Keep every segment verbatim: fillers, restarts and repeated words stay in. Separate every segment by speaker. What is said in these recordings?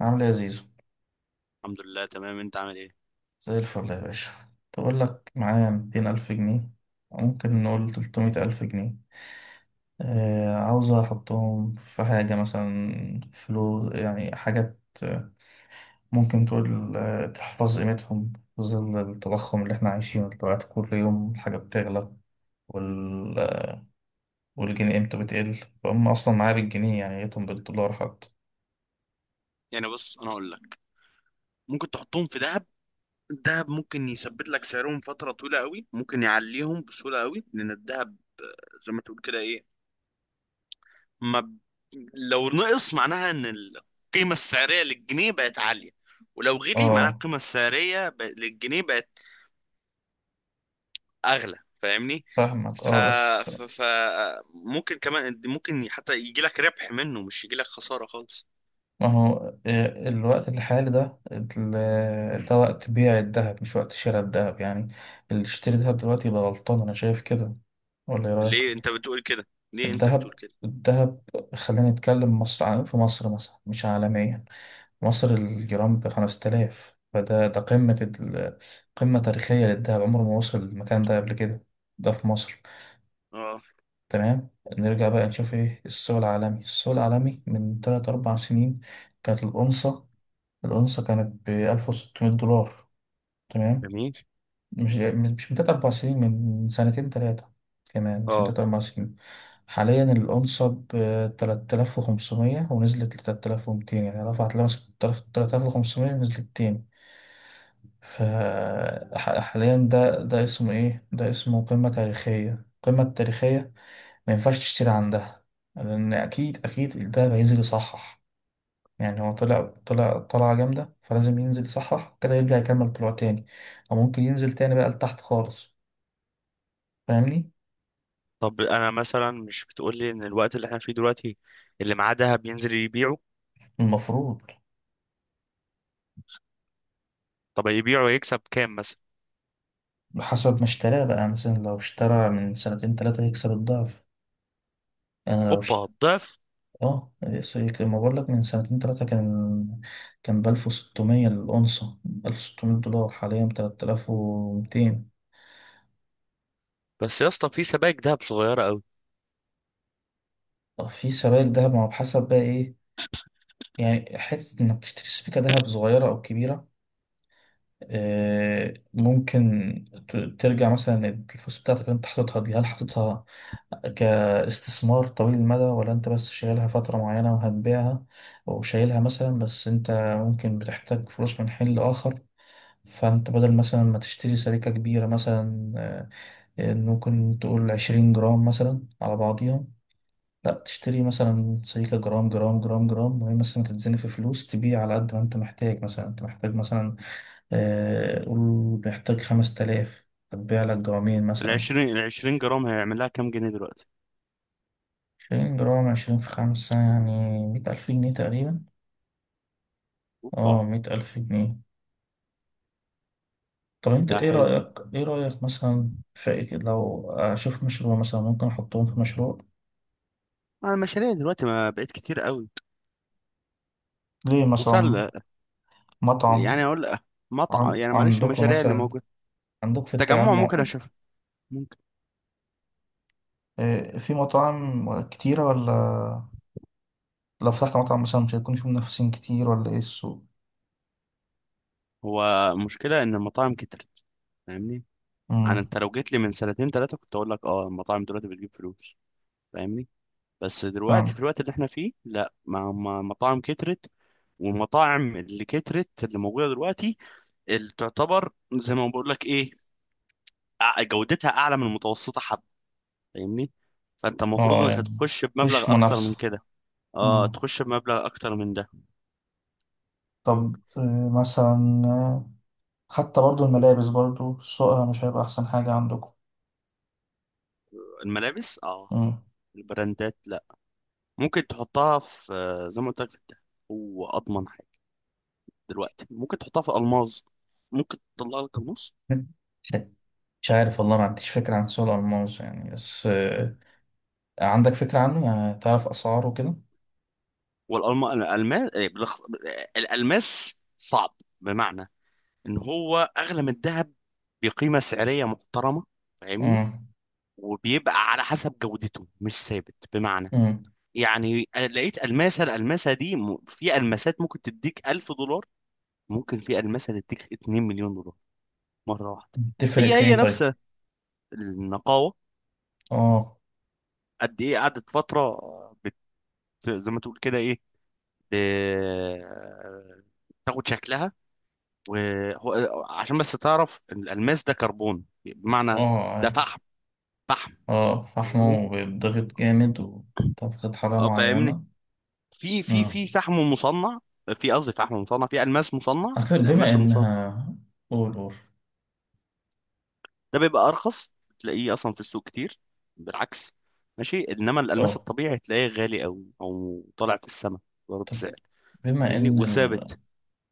Speaker 1: عامل ايه يا زيزو؟
Speaker 2: الحمد لله تمام، انت عامل ايه؟
Speaker 1: زي الفل يا باشا. تقول لك معايا ميتين ألف جنيه، ممكن نقول تلتمية ألف جنيه. آه عاوز أحطهم في حاجة مثلا، فلوس يعني، حاجات، آه، ممكن تقول آه، تحفظ قيمتهم في ظل التضخم اللي احنا عايشينه دلوقتي، كل يوم الحاجة بتغلى، وال... والجنيه قيمته بتقل، فهم أصلا معايا بالجنيه يعني قيمتهم بالدولار حتى.
Speaker 2: يعني بص، انا اقول لك ممكن تحطهم في دهب. الدهب ممكن يثبت لك سعرهم فتره طويله قوي، ممكن يعليهم بسهوله قوي، لان الدهب زي ما تقول كده ايه، ما ب... لو نقص معناها ان القيمه السعريه للجنيه بقت عاليه، ولو غلي معناها
Speaker 1: اه،
Speaker 2: القيمه السعريه ب... للجنيه بقت اغلى، فاهمني.
Speaker 1: فاهمك،
Speaker 2: ف...
Speaker 1: اه بس.
Speaker 2: ف... ف ممكن كمان، ممكن حتى يجي لك ربح منه، مش يجي لك خساره خالص.
Speaker 1: ما هو آه، الوقت الحالي ده ال- ده وقت بيع الذهب مش وقت شراء الذهب يعني، اللي يشتري ذهب دلوقتي يبقى غلطان، أنا شايف كده. ولا إيه رأيك؟
Speaker 2: ليه انت بتقول كده؟ ليه انت بتقول
Speaker 1: الذهب
Speaker 2: كده؟
Speaker 1: الذهب خلينا نتكلم مصر عن- في مصر مثلا، مش عالميا. مصر الجرام بخمسة آلاف، فده ده قمة ال- قمة تاريخية للذهب، عمره ما وصل المكان ده قبل كده. ده في مصر.
Speaker 2: اه،
Speaker 1: تمام. نرجع بقى نشوف ايه السوق العالمي. السوق العالمي من تلات أربع سنين كانت الأونصة، الأونصة كانت بألف وستمية دولار. تمام.
Speaker 2: جميل،
Speaker 1: مش مش من تلات أربع سنين، من سنتين تلاتة، كمان مش من
Speaker 2: اه.
Speaker 1: تلات أربع سنين. حاليا الأونصة بتلات آلاف وخمسمية، ونزلت لتلات آلاف ومتين، يعني رفعت لمس تلات آلاف وخمسمية ونزلت تاني. فحاليا ده ده اسمه إيه؟ ده اسمه قمة تاريخية، القمة التاريخية ما ينفعش تشتري عندها، لأن أكيد أكيد ده هينزل يصحح. يعني هو طلع طلع طلعة جامدة، فلازم ينزل يصحح كده، يرجع يكمل طلوع تاني، أو ممكن ينزل تاني بقى لتحت خالص. فاهمني؟
Speaker 2: طب انا مثلا، مش بتقول لي ان الوقت اللي احنا فيه دلوقتي اللي معاه دهب ينزل يبيعه؟
Speaker 1: المفروض.
Speaker 2: طب يبيعه يكسب كام مثلا؟
Speaker 1: حسب ما اشتراه بقى، مثلا لو اشترى من سنتين تلاتة هيكسب الضعف. أنا لو
Speaker 2: اوبا،
Speaker 1: اشت...
Speaker 2: الضعف.
Speaker 1: اه، يس- ما بقول لك من سنتين تلاتة كان، كان بألف وستمية الأونصة، بألف وستمية دولار، حاليا بتلات آلاف ومتين.
Speaker 2: بس يا اسطى، في سبائك دهب صغيره قوي.
Speaker 1: في سبائك دهب، ما هو بحسب بقى إيه، يعني حتة إنك تشتري سبيكة دهب صغيرة أو كبيرة. آه، ممكن ت- ترجع مثلا الفلوس بتاعتك اللي انت حاططها دي، هل حاططها كاستثمار طويل المدى، ولا انت بس شايلها فترة معينة وهتبيعها؟ وشايلها مثلا بس انت ممكن بتحتاج فلوس من حين لآخر، فانت بدل مثلا ما تشتري سريكة كبيرة مثلا، آه، آه، ممكن تقول عشرين جرام مثلا على بعضيها، لا تشتري مثلا سريكة جرام جرام جرام جرام، وهي مثلا تتزني في فلوس، تبيع على قد ما انت محتاج. مثلا انت محتاج مثلا، آه، قول نحتاج خمس تلاف، هتبيع لك جرامين
Speaker 2: ال
Speaker 1: مثلا.
Speaker 2: عشرين، ال عشرين جرام هيعمل لها كام جنيه دلوقتي؟
Speaker 1: عشرين جرام، عشرين في خمسة يعني مية ألف جنيه تقريبا.
Speaker 2: اوبا.
Speaker 1: اه، مية ألف جنيه. طب انت
Speaker 2: ده
Speaker 1: ايه
Speaker 2: حلو.
Speaker 1: رأيك، ايه رأيك مثلا في إيه؟ لو أشوف مشروع مثلا ممكن أحطهم في مشروع.
Speaker 2: ما المشاريع دلوقتي ما بقت كتير قوي.
Speaker 1: ليه مثلا؟
Speaker 2: مسل يعني
Speaker 1: مطعم.
Speaker 2: اقول، مطعم،
Speaker 1: عن...
Speaker 2: يعني معلش،
Speaker 1: عندكم
Speaker 2: المشاريع اللي
Speaker 1: مثلا،
Speaker 2: موجوده
Speaker 1: عندكم
Speaker 2: في
Speaker 1: في
Speaker 2: التجمع
Speaker 1: التجمع
Speaker 2: ممكن اشوفها. ممكن.
Speaker 1: آه، في مطاعم كتيرة ولا؟ لو فتحت مطعم مثلا مش هيكون في منافسين كتير، ولا ايه السوق؟
Speaker 2: هو المشكله ان المطاعم كترت، فاهمني. انا
Speaker 1: امم
Speaker 2: انت لو جيت لي من سنتين ثلاثه كنت اقول لك اه المطاعم دلوقتي بتجيب فلوس، فاهمني. بس دلوقتي
Speaker 1: فاهم.
Speaker 2: في الوقت اللي احنا فيه، لا، ما ما- مطاعم كترت. والمطاعم اللي كترت اللي موجودة دلوقتي، اللي تعتبر زي ما بقول لك ايه، أع- جودتها اعلى من المتوسطة، حب، فاهمني. فانت المفروض
Speaker 1: اه
Speaker 2: انك
Speaker 1: يعني
Speaker 2: هتخش
Speaker 1: مفيش
Speaker 2: بمبلغ اكتر من
Speaker 1: منافسة.
Speaker 2: كده. اه،
Speaker 1: مم.
Speaker 2: تخش بمبلغ اكتر من ده.
Speaker 1: طب آه، مثلا، آه، حتى برضو الملابس، برضو سوقها مش هيبقى أحسن حاجة عندكم؟
Speaker 2: الملابس، اه.
Speaker 1: مم.
Speaker 2: البراندات، لا. ممكن تحطها في، آه، زي ما قلت لك، في الدهب. هو اضمن حاجة. دلوقتي ممكن تحطها في الماظ. ممكن تطلع لك الماظ.
Speaker 1: مش، مش عارف والله، ما عنديش فكرة عن سوق الألماس يعني، بس آه، عندك فكرة عنه يعني، تعرف أسعاره كده؟
Speaker 2: والالمان الالمان إيه، بالأخ- الالماس صعب، بمعنى ان هو اغلى من الذهب بقيمه سعريه محترمه، فاهمني.
Speaker 1: مم.
Speaker 2: وبيبقى على حسب جودته، مش ثابت، بمعنى،
Speaker 1: مم.
Speaker 2: يعني، آه، لقيت الماسه الالماسه دي م- في الماسات ممكن تديك ألف دولار، ممكن في الماسه تديك اتنين مليون دولار، مره واحده.
Speaker 1: تفرق
Speaker 2: هي
Speaker 1: في إيه
Speaker 2: هي
Speaker 1: طيب؟
Speaker 2: نفس النقاوه.
Speaker 1: آه.
Speaker 2: قد ايه قعدت فتره، بت زي ما تقول كده ايه، ب- تاخد شكلها. وهو عشان بس تعرف إن الالماس ده كربون، بمعنى،
Speaker 1: آه
Speaker 2: ده
Speaker 1: عارف.
Speaker 2: فحم فحم،
Speaker 1: آه،
Speaker 2: فاهمني.
Speaker 1: فحمه بيتضغط جامد وتضغط حرارة
Speaker 2: اه، فاهمني.
Speaker 1: معينة.
Speaker 2: في في
Speaker 1: مم.
Speaker 2: في فحم مصنع، في، قصدي، فحم مصنع، في الماس مصنع،
Speaker 1: أعتقد بما
Speaker 2: الالماس المصنع،
Speaker 1: إنها، قول قول.
Speaker 2: ده بيبقى ارخص، تلاقيه اصلا في السوق كتير، بالعكس. ماشي. انما الالماس
Speaker 1: آه.
Speaker 2: الطبيعي تلاقيه غالي قوي، او طالع في السماء، ضرب
Speaker 1: طب،
Speaker 2: سعر،
Speaker 1: بما
Speaker 2: فاهمني،
Speaker 1: إن،
Speaker 2: وثابت.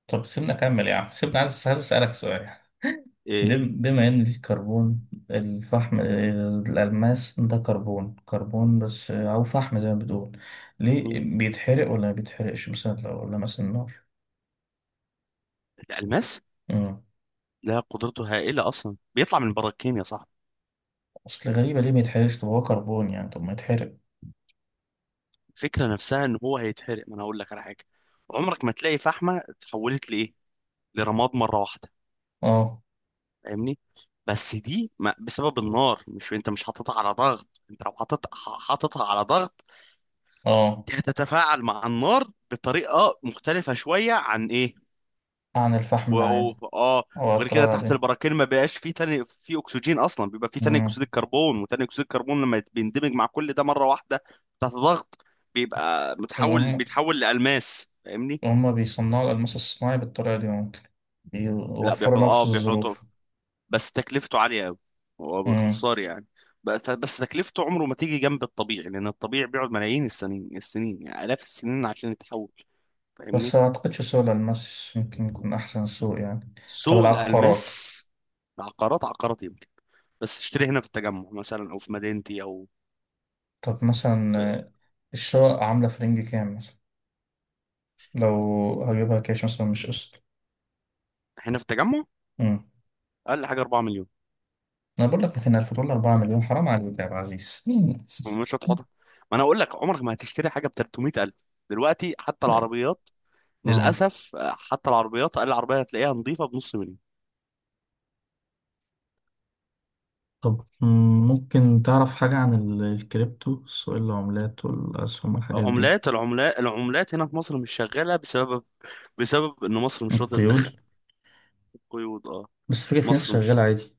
Speaker 1: طب سيبنا أكمل يا عم سيبنا عايز عايز أسألك سؤال. دي-
Speaker 2: إيه؟
Speaker 1: بما إن الكربون الفحم الألماس ده كربون كربون بس، أو فحم زي ما بتقول، ليه
Speaker 2: مم.
Speaker 1: بيتحرق، ولا ما بيتحرقش مثلا لو، ولا مثلا النار؟
Speaker 2: الالماس،
Speaker 1: مم.
Speaker 2: لا، قدرته هائله، اصلا بيطلع من البراكين يا صاحبي.
Speaker 1: أصل غريبة، ليه ما يتحرقش؟ طب هو كربون يعني، طب ما يتحرق.
Speaker 2: الفكره نفسها ان هو هيتحرق، ما انا هقول لك على حاجه، عمرك ما تلاقي فحمه اتحولت لايه، لرماد مره واحده،
Speaker 1: أه.
Speaker 2: فاهمني. بس دي ما بسبب النار، مش انت مش حاططها على ضغط، انت لو حاطط ح- حاططها على ضغط،
Speaker 1: أه،
Speaker 2: دي هتتفاعل مع النار بطريقه مختلفه شويه عن ايه،
Speaker 1: عن الفحم
Speaker 2: و... و-
Speaker 1: العادي،
Speaker 2: اه.
Speaker 1: أو على
Speaker 2: وغير كده
Speaker 1: الطريقة
Speaker 2: تحت
Speaker 1: دي.
Speaker 2: البراكين ما بقاش فيه تاني في اكسجين اصلا، بيبقى فيه ثاني اكسيد
Speaker 1: مم.
Speaker 2: الكربون، وثاني اكسيد الكربون لما بيندمج مع كل ده مره واحده، تحت ضغط، بيبقى متحول،
Speaker 1: هم،
Speaker 2: بيتحول لألماس، فاهمني.
Speaker 1: هما بيصنعوا الألماس الصناعي بالطريقة دي ممكن؟
Speaker 2: لا، بيحط
Speaker 1: بيوفروا
Speaker 2: اه
Speaker 1: نفس
Speaker 2: بيحطوا،
Speaker 1: الظروف؟
Speaker 2: بس تكلفته عالية قوي. هو باختصار، يعني، بس بس تكلفته عمره ما تيجي جنب الطبيعي، لأن الطبيعي بيقعد ملايين السنين السنين، يعني آلاف السنين، عشان يتحول،
Speaker 1: بس
Speaker 2: فاهمني.
Speaker 1: ما أعتقدش سوق الألماس ممكن يكون أحسن سوق يعني. طب
Speaker 2: سوق الألماس.
Speaker 1: العقارات؟
Speaker 2: عقارات عقارات، يمكن. بس اشتري هنا في التجمع مثلا، أو في مدينتي، أو
Speaker 1: طب مثلا،
Speaker 2: في.
Speaker 1: آه، الشقق عاملة في رينج كام مثلا لو هجيبها كاش مثلا مش قسط؟
Speaker 2: هنا في التجمع
Speaker 1: أمم.
Speaker 2: أقل حاجة أربعة مليون.
Speaker 1: أنا بقول لك ميتين ألف دولار، أربعة مليون حرام عليك يا عبد العزيز. مم.
Speaker 2: مش هتحطها. ما أنا أقول لك، عمرك ما هتشتري حاجة ب تلتمية ألف دلوقتي، حتى العربيات،
Speaker 1: اه.
Speaker 2: للأسف، آه، حتى العربيات، أقل عربية هتلاقيها نظيفة بنص مليون.
Speaker 1: طب مم، ممكن تعرف حاجة عن ال- الكريبتو، سوق العملات والأسهم والحاجات دي؟
Speaker 2: عملات العملات العملات هنا في مصر مش شغالة، بسبب، بسبب إن مصر مش راضية تدخل،
Speaker 1: القيود.
Speaker 2: قيود، اه.
Speaker 1: بس فكرة في ناس
Speaker 2: مصر مش
Speaker 1: شغالة عادي.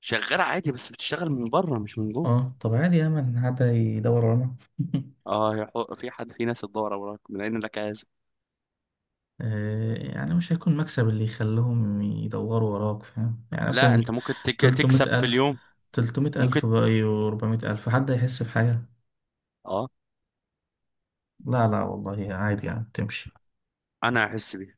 Speaker 2: شغالة عادي، بس بتشتغل من بره مش من جوه.
Speaker 1: اه، طب عادي يا من، حد يدور ورانا؟
Speaker 2: اه، يا حو- في حد، في ناس تدور وراك من أين لك هذا.
Speaker 1: آه، يعني مش هيكون مكسب اللي يخليهم يدوروا وراك، فاهم يعني مثلا
Speaker 2: لا، أنت
Speaker 1: مت-
Speaker 2: ممكن تك...
Speaker 1: تلتمية
Speaker 2: تكسب في
Speaker 1: ألف،
Speaker 2: اليوم.
Speaker 1: تلتمية
Speaker 2: ممكن.
Speaker 1: ألف بقى وأربعمية ألف، حد هيحس بحاجة؟
Speaker 2: اه.
Speaker 1: لا لا والله عادي يعني، تمشي.
Speaker 2: أنا هحس بيها.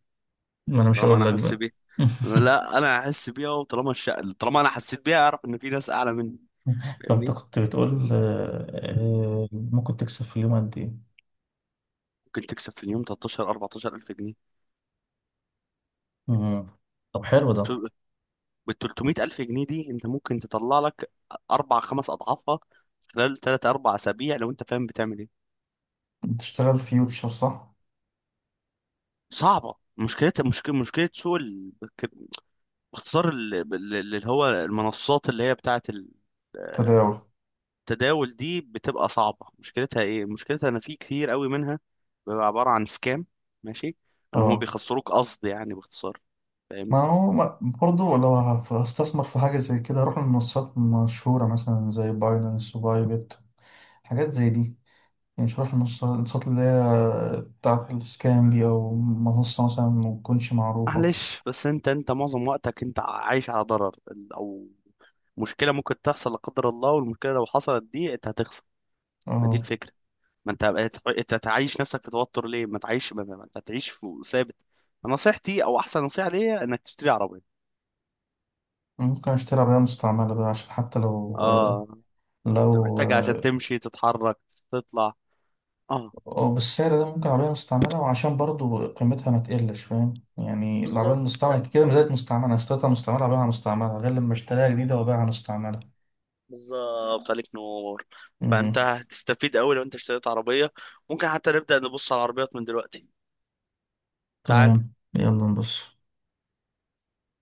Speaker 1: ما أنا مش
Speaker 2: طالما
Speaker 1: هقول
Speaker 2: أنا
Speaker 1: لك
Speaker 2: حاسس
Speaker 1: بقى.
Speaker 2: بيها. لا، أنا هحس بيها، وطالما الش... طالما أنا حسيت بيها أعرف إن في ناس أعلى مني،
Speaker 1: طب أنت
Speaker 2: فاهمني.
Speaker 1: كنت بتقول آه، آه، ممكن تكسب في اليوم قد إيه؟
Speaker 2: ممكن تكسب في اليوم ثلاثة عشر، أربعة عشر ألف جنيه.
Speaker 1: مم. طب حلو ده.
Speaker 2: بال تلتمية ألف جنيه دي، أنت ممكن تطلع لك أربع خمس أضعافها خلال تلات أربع أسابيع، لو أنت فاهم بتعمل إيه.
Speaker 1: بتشتغل فيوتشر صح؟
Speaker 2: صعبة، مشكلة مشكلة مشكلة سوق ال... ك- باختصار، ال- ال- اللي هو المنصات، اللي هي بتاعة ال-
Speaker 1: تداول.
Speaker 2: التداول دي بتبقى صعبة. مشكلتها إيه؟ مشكلتها إن في كتير قوي منها، بيبقى عبارة عن سكام، ماشي، إن هم
Speaker 1: اه.
Speaker 2: بيخسروك قصد، يعني باختصار،
Speaker 1: ما
Speaker 2: فاهمني.
Speaker 1: هو ما- برضه لو هف- هستثمر في حاجة زي كده، هروح لمنصات مشهورة مثلا، زي باينانس وبايبت، حاجات زي دي، يعني مش هروح للمنصات اللي هي بتاعة السكام دي، أو منصة مثلا متكونش معروفة.
Speaker 2: معلش، بس انت انت معظم وقتك انت عايش على ضرر ال- او مشكله ممكن تحصل لا قدر الله، والمشكله لو حصلت دي انت هتخسر. ما دي
Speaker 1: اه.
Speaker 2: الفكره. ما انت هت- انت تعيش نفسك في توتر ليه؟ ما تعيش ما ما- انت تعيش في ثابت. نصيحتي، او احسن نصيحه ليا، انك تشتري عربيه.
Speaker 1: ممكن أشتري عربية مستعملة بقى، عشان حتى لو آه،
Speaker 2: اه، انت
Speaker 1: لو
Speaker 2: محتاجها عشان
Speaker 1: آه،
Speaker 2: تمشي تتحرك، تطلع، اه.
Speaker 1: أو بالسعر ده ممكن عربية مستعملة، وعشان برضه قيمتها ما تقلش، فاهم يعني العربية
Speaker 2: بالظبط.
Speaker 1: المستعملة كده ما زالت مستعملة، أنا اشتريتها مستعملة أبيعها مستعملة، غير لما اشتريها جديدة وأبيعها مستعملة.
Speaker 2: بالظبط عليك نور. فانت هتستفيد قوي لو انت اشتريت عربيه. ممكن حتى نبدا نبص على العربيات من دلوقتي. تعال.
Speaker 1: تمام، يلا نبص.